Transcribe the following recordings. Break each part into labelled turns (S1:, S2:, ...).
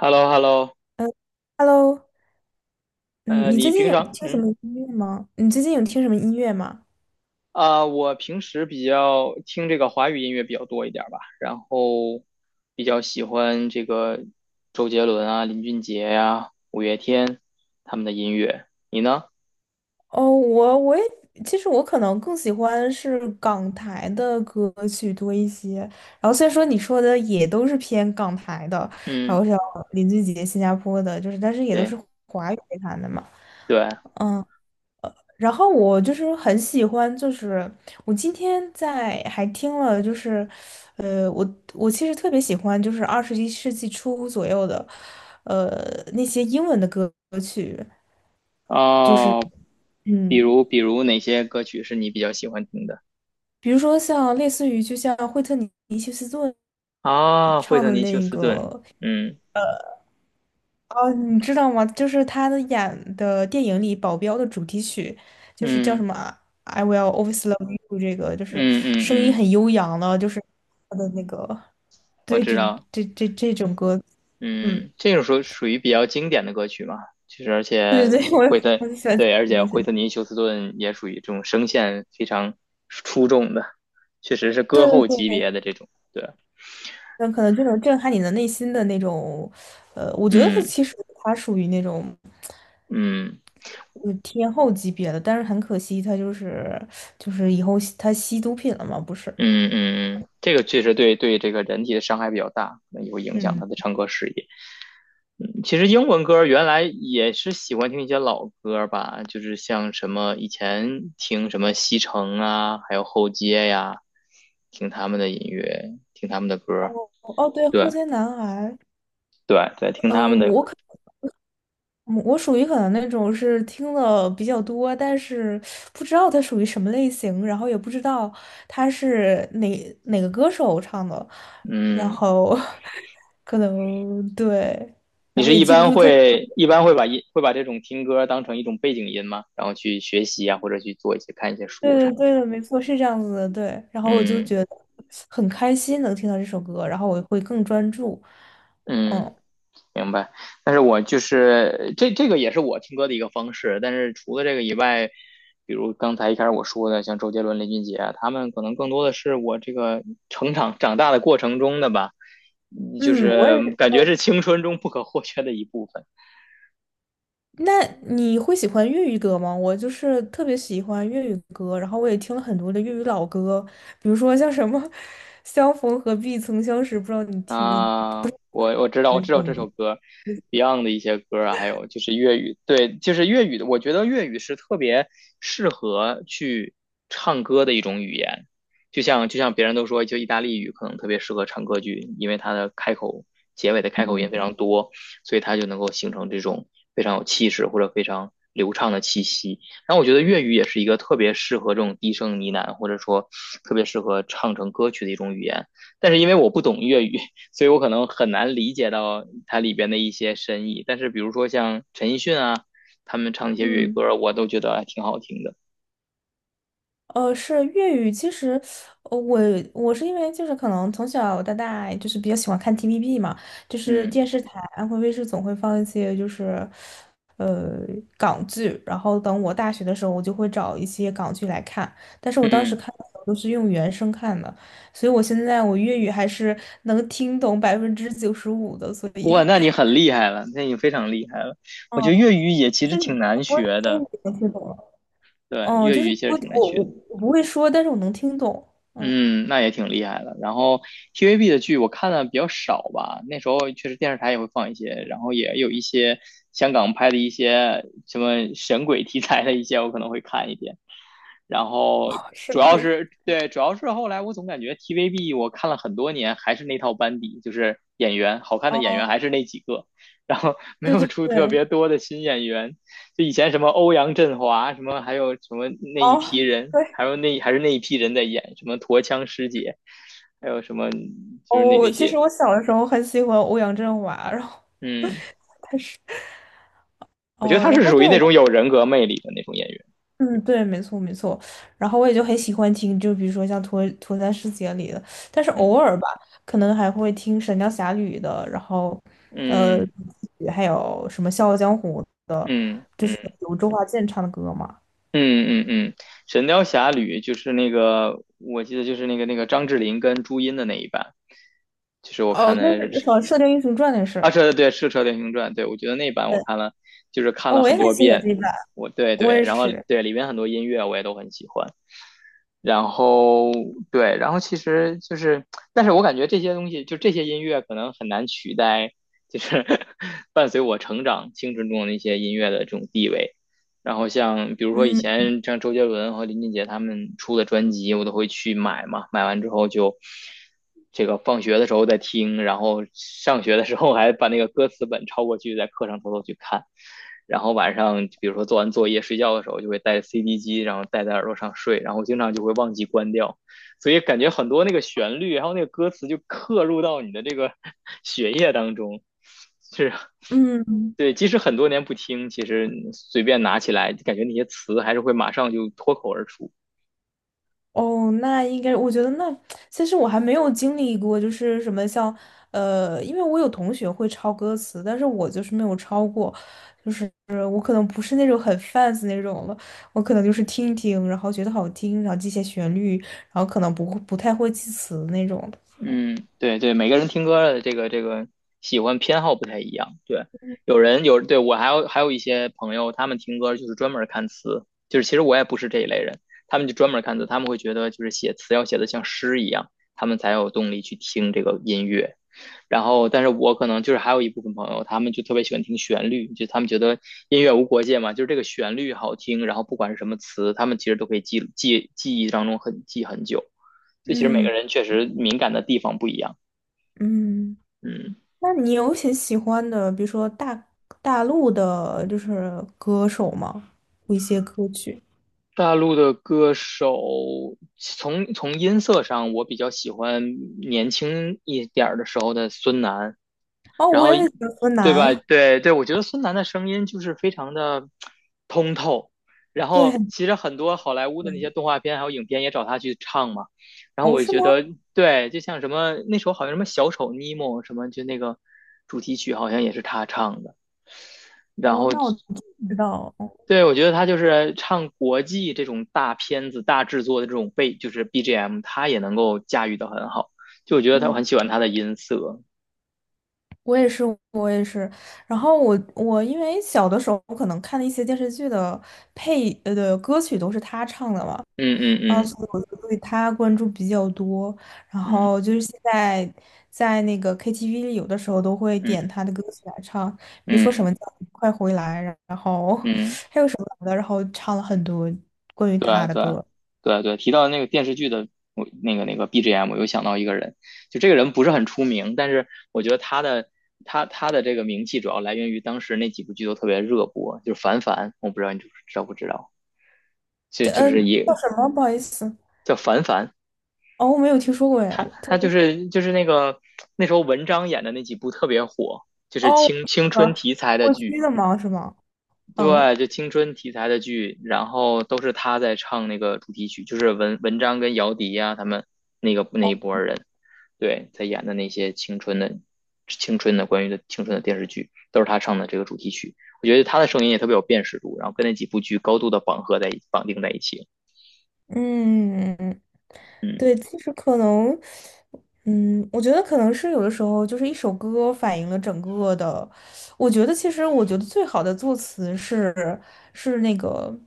S1: h e l l o h e l l o。
S2: 嗯 hello 嗯，你
S1: 你
S2: 最近
S1: 平
S2: 有
S1: 常，
S2: 听什么音乐吗？你最近有听什么音乐吗？
S1: 啊、我平时比较听这个华语音乐比较多一点儿吧，然后比较喜欢这个周杰伦啊、林俊杰呀、五月天他们的音乐。你呢？
S2: 哦，我也其实我可能更喜欢是港台的歌曲多一些，然后虽然说你说的也都是偏港台的，然
S1: 嗯，
S2: 后像林俊杰、新加坡的，就是但是也都
S1: 对
S2: 是华语乐坛的嘛。
S1: 对。
S2: 然后我就是很喜欢，就是我今天在还听了，就是，呃，我我其实特别喜欢，就是21世纪初左右的，呃，那些英文的歌曲，就是
S1: 哦，比
S2: 嗯，
S1: 如比如哪些歌曲是你比较喜欢听的？
S2: 比如说像类似于就像惠特尼休斯顿
S1: 啊，惠
S2: 唱
S1: 特
S2: 的
S1: 尼休
S2: 那
S1: 斯顿。
S2: 个
S1: 嗯
S2: 哦，你知道吗？就是他的演的电影里《保镖》的主题曲，就是叫
S1: 嗯
S2: 什么啊 I Will Always Love You》，这个就是
S1: 嗯嗯
S2: 声音
S1: 嗯，
S2: 很悠扬的，就是他的那个
S1: 我
S2: 对
S1: 知
S2: 这
S1: 道。
S2: 这这这种歌，嗯，
S1: 嗯，这种属于比较经典的歌曲嘛，其实而
S2: 对
S1: 且
S2: 对对，
S1: 惠
S2: 我
S1: 特，
S2: 我就喜欢这
S1: 对，而
S2: 个
S1: 且
S2: 东
S1: 惠
S2: 西，
S1: 特尼休斯顿也属于这种声线非常出众的，确实是
S2: 对
S1: 歌后
S2: 对
S1: 级
S2: 对，
S1: 别的这种。对，
S2: 那可能这种震撼你的内心的那种，我觉得他
S1: 嗯
S2: 其实他属于那种。
S1: 嗯
S2: 就是天后级别的，但是很可惜，他就是以后他吸毒品了嘛，不是？
S1: 嗯嗯嗯。嗯，这个确实，对对，这个人体的伤害比较大，可能也会影响
S2: 嗯。
S1: 他的唱歌事业。嗯，其实英文歌原来也是喜欢听一些老歌吧，就是像什么以前听什么西城啊，还有后街呀，听他们的音乐，听他们的歌。
S2: 哦，对，后
S1: 对
S2: 街男孩，
S1: 对对，听他们
S2: 嗯、
S1: 的歌。
S2: 我属于可能那种是听的比较多，但是不知道它属于什么类型，然后也不知道他是哪个歌手唱的，然
S1: 嗯，
S2: 后 可能对，
S1: 你
S2: 然后
S1: 是
S2: 也
S1: 一
S2: 记不
S1: 般
S2: 住他。
S1: 会一般会会把这种听歌当成一种背景音吗？然后去学习啊，或者去做一些看一些书什
S2: 对对
S1: 么的。
S2: 对的，没错，是这样子的，对。然后我就
S1: 嗯
S2: 觉得很开心能听到这首歌，然后我会更专注。
S1: 嗯。
S2: 嗯
S1: 明白。但是我就是这个也是我听歌的一个方式，但是除了这个以外，比如刚才一开始我说的，像周杰伦、林俊杰啊，他们可能更多的是我这个成长长大的过程中的吧。嗯，就
S2: 嗯，我也
S1: 是
S2: 是，
S1: 感觉是青春中不可或缺的一部分。
S2: 那你会喜欢粤语歌吗？我就是特别喜欢粤语歌，然后我也听了很多的粤语老歌，比如说像什么 《相逢何必曾相识》，不知道你听没听
S1: 啊，我我知道，
S2: 过
S1: 我
S2: 这
S1: 知道这
S2: 种
S1: 首歌，Beyond 的一些歌啊，还有就是粤语。对，就是粤语的。我觉得粤语是特别适合去唱歌的一种语言。就像别人都说，就意大利语可能特别适合唱歌剧，因为它的开口、结尾的开口音非常多，所以它就能够形成这种非常有气势或者非常流畅的气息。然后我觉得粤语也是一个特别适合这种低声呢喃，或者说特别适合唱成歌曲的一种语言。但是因为我不懂粤语，所以我可能很难理解到它里边的一些深意。但是比如说像陈奕迅啊，他们唱一些粤语
S2: 嗯。
S1: 歌，我都觉得还挺好听的。
S2: 是粤语。其实，呃我我是因为就是可能从小到大就是比较喜欢看 TVB 嘛，就是
S1: 嗯
S2: 电视台安徽卫视总会放一些就是呃港剧，然后等我大学的时候，我就会找一些港剧来看。但是我当时
S1: 嗯，
S2: 看的时候都是用原声看的，所以我现在我粤语还是能听懂95%的，所
S1: 哇，
S2: 以
S1: 那 你很厉害了，那你非常厉害了。
S2: 嗯，
S1: 我觉得粤语也其
S2: 就
S1: 实
S2: 是你
S1: 挺难
S2: 不会
S1: 学
S2: 听，
S1: 的。
S2: 你能听懂了。
S1: 对，
S2: 嗯，
S1: 粤
S2: 就是
S1: 语其
S2: 不，
S1: 实
S2: 我
S1: 挺难学
S2: 我
S1: 的。
S2: 我不会说，但是我能听懂。嗯，
S1: 嗯，那也挺厉害的。然后 TVB 的剧我看的比较少吧，那时候确实电视台也会放一些，然后也有一些香港拍的一些什么神鬼题材的一些，我可能会看一点。然后 主
S2: 声，是
S1: 要
S2: 那
S1: 是对，主要是后来我总感觉 TVB 我看了很多年还是那套班底，就是演员好看的演
S2: 哦，
S1: 员还是那几个，然后没
S2: 对
S1: 有
S2: 对
S1: 出特
S2: 对，
S1: 别多的新演员。就以前什么欧阳震华，什么还有什么那一批
S2: 哦，
S1: 人，
S2: 对，
S1: 还有还是那一批人在演，什么驼枪师姐，还有什么就是那
S2: 哦，
S1: 那
S2: 其实
S1: 些，
S2: 我小的时候很喜欢欧阳震华，然后
S1: 嗯，
S2: 但是，
S1: 我觉得
S2: 哦，
S1: 他
S2: 然
S1: 是
S2: 后
S1: 属于
S2: 对我
S1: 那种
S2: 也
S1: 有人格魅力的那种演员。
S2: 嗯，对，没错没错，然后我也就很喜欢听，就比如说像《脱单世姐》里的，但是偶
S1: 嗯
S2: 尔吧，可能还会听《神雕侠侣》的，然后，呃，
S1: 嗯
S2: 还有什么《笑傲江湖》的，
S1: 嗯
S2: 就是
S1: 嗯。
S2: 有周华健唱的歌嘛。
S1: 嗯嗯嗯，《神雕侠侣》就是那个，我记得就是那个张智霖跟朱茵的那一版，就是我看
S2: 哦，那
S1: 的
S2: 是
S1: 是。
S2: 好像《射雕英雄传》那
S1: 啊，
S2: 是，
S1: 是，对，是《射雕英雄传》。对，我觉得那版我
S2: 对，
S1: 看了，就是看
S2: 哦，
S1: 了
S2: 我
S1: 很
S2: 也很
S1: 多
S2: 喜欢这
S1: 遍。
S2: 一版，
S1: 对
S2: 我
S1: 对，
S2: 也
S1: 然后
S2: 是，
S1: 对里面很多音乐我也都很喜欢。然后对，然后其实就是，但是我感觉这些东西，就这些音乐可能很难取代，就是 伴随我成长青春中的那些音乐的这种地位。然后像比如说以
S2: 嗯
S1: 前像周杰伦和林俊杰他们出的专辑，我都会去买嘛，买完之后就这个放学的时候再听，然后上学的时候还把那个歌词本抄过去，在课上偷偷去看。然后晚上比如说做完作业睡觉的时候，就会带 CD 机，然后戴在耳朵上睡，然后经常就会忘记关掉，所以感觉很多那个旋律，还有那个歌词就刻入到你的这个 血液当中，是。
S2: 嗯。
S1: 对，即使很多年不听，其实随便拿起来，感觉那些词还是会马上就脱口而出。
S2: 哦，那应该，我觉得那其实我还没有经历过，就是什么像，因为我有同学会抄歌词，但是我就是没有抄过，就是我可能不是那种很 fans 那种了，我可能就是听一听，然后觉得好听，然后记些旋律，然后可能不会不太会记词那种的
S1: 嗯，对对，每个人听歌的这个喜欢偏好不太一样。对，有人有，对，我还有一些朋友，他们听歌就是专门看词，就是其实我也不是这一类人。他们就专门看词，他们会觉得就是写词要写的像诗一样，他们才有动力去听这个音乐。然后，但是我可能就是还有一部分朋友，他们就特别喜欢听旋律，就他们觉得音乐无国界嘛，就是这个旋律好听，然后不管是什么词，他们其实都可以记忆当中很记很久。这其实每个
S2: 嗯
S1: 人确实敏感的地方不一样。
S2: 嗯，
S1: 嗯，
S2: 那你有很喜欢的，比如说大陆的，就是歌手吗？一些歌曲。
S1: 大陆的歌手从音色上，我比较喜欢年轻一点儿的时候的孙楠。
S2: 哦，
S1: 然
S2: 我
S1: 后
S2: 也很喜欢河
S1: 对吧？
S2: 南，
S1: 对对，我觉得孙楠的声音就是非常的通透。然后
S2: 对。
S1: 其实很多好莱坞的那些动画片还有影片也找他去唱嘛。然后
S2: 哦，
S1: 我
S2: 是
S1: 觉
S2: 吗？
S1: 得，对，就像什么那时候好像什么小丑尼莫什么，就那个主题曲好像也是他唱的。然
S2: 哦，
S1: 后
S2: 那我知道，哦
S1: 对，我觉得他就是唱国际这种大片子、大制作的这种背，就是 BGM，他也能够驾驭的很好。就我觉得他我
S2: 嗯，
S1: 很喜欢他的音色。
S2: 我也是，我也是。然后我因为小的时候可能看的一些电视剧的的歌曲都是他唱的嘛，
S1: 嗯嗯
S2: 然后
S1: 嗯
S2: 所以我就对他关注比较多。然
S1: 嗯
S2: 后就是现在在那个 KTV 里，有的时候都会点
S1: 嗯
S2: 他的歌曲来唱，比如说什么
S1: 嗯
S2: 叫《快回来》，然后
S1: 嗯，
S2: 还有什么来的，然后唱了很多关于
S1: 对啊
S2: 他的
S1: 对啊
S2: 歌。
S1: 对啊对啊。提到那个电视剧的我那个 BGM，我又想到一个人。就这个人不是很出名，但是我觉得他的这个名气主要来源于当时那几部剧都特别热播。就是凡凡，我不知道你知不知道，就就
S2: 嗯，
S1: 是也
S2: 叫什么？不好意思，
S1: 叫凡凡。
S2: 哦，我没有听说过哎。
S1: 他就是那个那时候文章演的那几部特别火，就是
S2: 哦，
S1: 青春
S2: 呃，
S1: 题材的
S2: 过
S1: 剧。
S2: 期的吗？是吗？嗯，
S1: 对，就青春题材的剧，然后都是他在唱那个主题曲，就是文章跟姚笛呀、他们那个那
S2: 哦
S1: 一波人，对，在演的那些青春的电视剧，都是他唱的这个主题曲。我觉得他的声音也特别有辨识度，然后跟那几部剧高度的绑定在一起。
S2: 嗯，
S1: 嗯
S2: 对，其实可能，嗯，我觉得可能是有的时候就是一首歌反映了整个的。我觉得其实我觉得最好的作词是那个。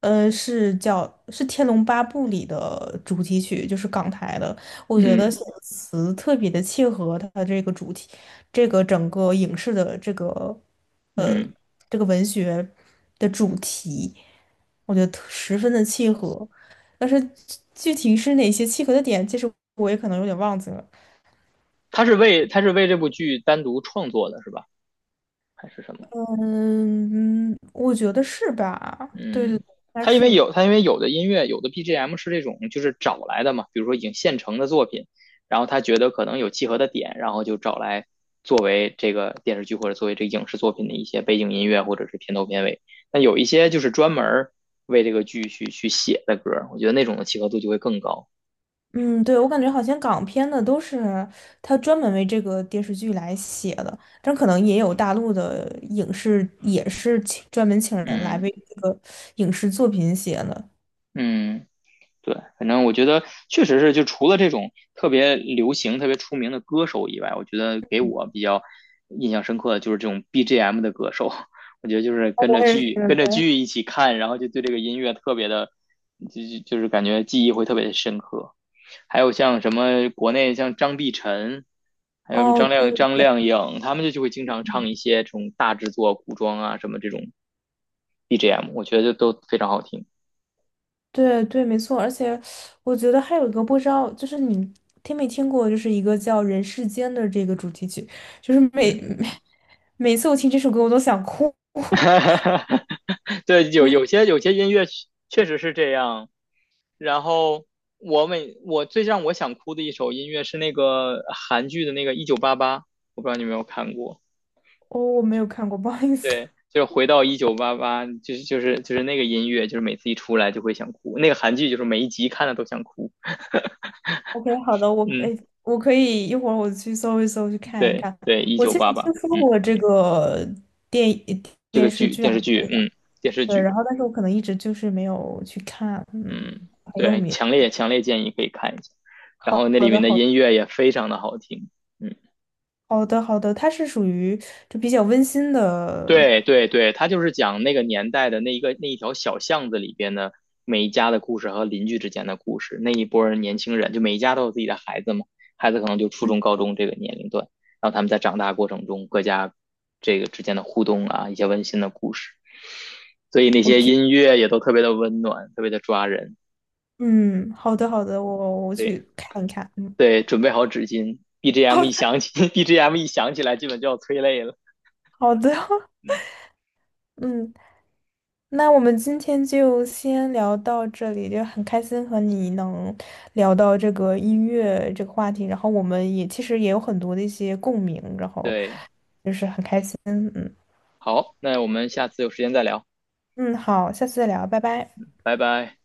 S2: 是叫是《天龙八部》里的主题曲，就是港台的。我觉得
S1: 嗯
S2: 写的词特别的契合它的这个主题，这个整个影视的呃
S1: 嗯，
S2: 这个文学的主题，我觉得特十分的契合。但是具体是哪些契合的点，其实我也可能有点忘记了。
S1: 他是为这部剧单独创作的是吧？还是什么？
S2: 嗯，嗯我觉得是吧？对对
S1: 嗯，
S2: 对，应该是。
S1: 它因为有的音乐有的 BGM 是这种就是找来的嘛，比如说已经现成的作品，然后他觉得可能有契合的点，然后就找来作为这个电视剧或者作为这个影视作品的一些背景音乐或者是片头片尾。那有一些就是专门为这个剧去写的歌我觉得那种的契合度就会更高。
S2: 嗯，对，我感觉好像港片的都是他专门为这个电视剧来写的，但可能也有大陆的影视也是请专门请人来
S1: 嗯
S2: 为这个影视作品写的。
S1: 嗯。对，反正我觉得确实是，就除了这种特别流行、特别出名的歌手以外，我觉得给我比较印象深刻的就是这种 BGM 的歌手。我觉得就是
S2: 哦
S1: 跟着
S2: 我也是，
S1: 剧、跟着
S2: 对。
S1: 剧一起看，然后就对这个音乐特别的，就是感觉记忆会特别的深刻。还有像什么国内像张碧晨，还有什么
S2: 哦，对
S1: 张靓颖，他们就会经常唱一些这种大制作、古装啊什么这种 BGM，我觉得就都非常好听。
S2: 对对，没错，而且我觉得还有一个不知道，就是你听没听过，就是一个叫《人世间》的这个主题曲，就是每
S1: 嗯。
S2: 每每次我听这首歌我都想哭。
S1: 对，有些音乐确实是这样。然后我最让我想哭的一首音乐是那个韩剧的那个《一九八八》，我不知道你有没有看过。
S2: 哦，我没有看过，不好意思。
S1: 对，就是回到一九八八，就是那个音乐，就是每次一出来就会想哭。那个韩剧就是每一集看了都想哭。
S2: OK，好的，我哎，
S1: 嗯，
S2: 我可以一会儿我去搜一搜，去看一
S1: 对
S2: 看。
S1: 对，《一
S2: 我
S1: 九
S2: 其实
S1: 八八》。
S2: 听说
S1: 嗯，
S2: 过这个电呃
S1: 这个
S2: 电视
S1: 剧
S2: 剧
S1: 电
S2: 还
S1: 视
S2: 是
S1: 剧。
S2: 电影，
S1: 嗯，电视
S2: 对，
S1: 剧。
S2: 然后但是我可能一直就是没有去看，嗯，
S1: 嗯，
S2: 很有
S1: 对，
S2: 名。
S1: 强烈强烈建议可以看一下。然
S2: 好
S1: 后那
S2: 好
S1: 里
S2: 的，
S1: 面的
S2: 好
S1: 音乐也非常的好听，嗯。
S2: 好的，好的，它是属于就比较温馨的，
S1: 对对对，他就是讲那个年代的那一条小巷子里边的每一家的故事和邻居之间的故事。那一波人年轻人，就每一家都有自己的孩子嘛，孩子可能就初中、高中这个年龄段，然后他们在长大过程中各家这个之间的互动啊，一些温馨的故事。所以那些音乐也都特别的温暖，特别的抓人。
S2: 嗯，好的，好的，我
S1: 对
S2: 去看一看，嗯，
S1: 对，准备好纸巾 ，BGM 一
S2: 好
S1: 响起，BGM 一响起来，基本就要催泪了。
S2: 好的，
S1: 嗯，
S2: 嗯，那我们今天就先聊到这里，就很开心和你能聊到这个音乐这个话题，然后我们也其实也有很多的一些共鸣，然后
S1: 对，
S2: 就是很开心。嗯
S1: 好，那我们下次有时间再聊，
S2: 嗯，好，下次再聊，拜拜。
S1: 拜拜。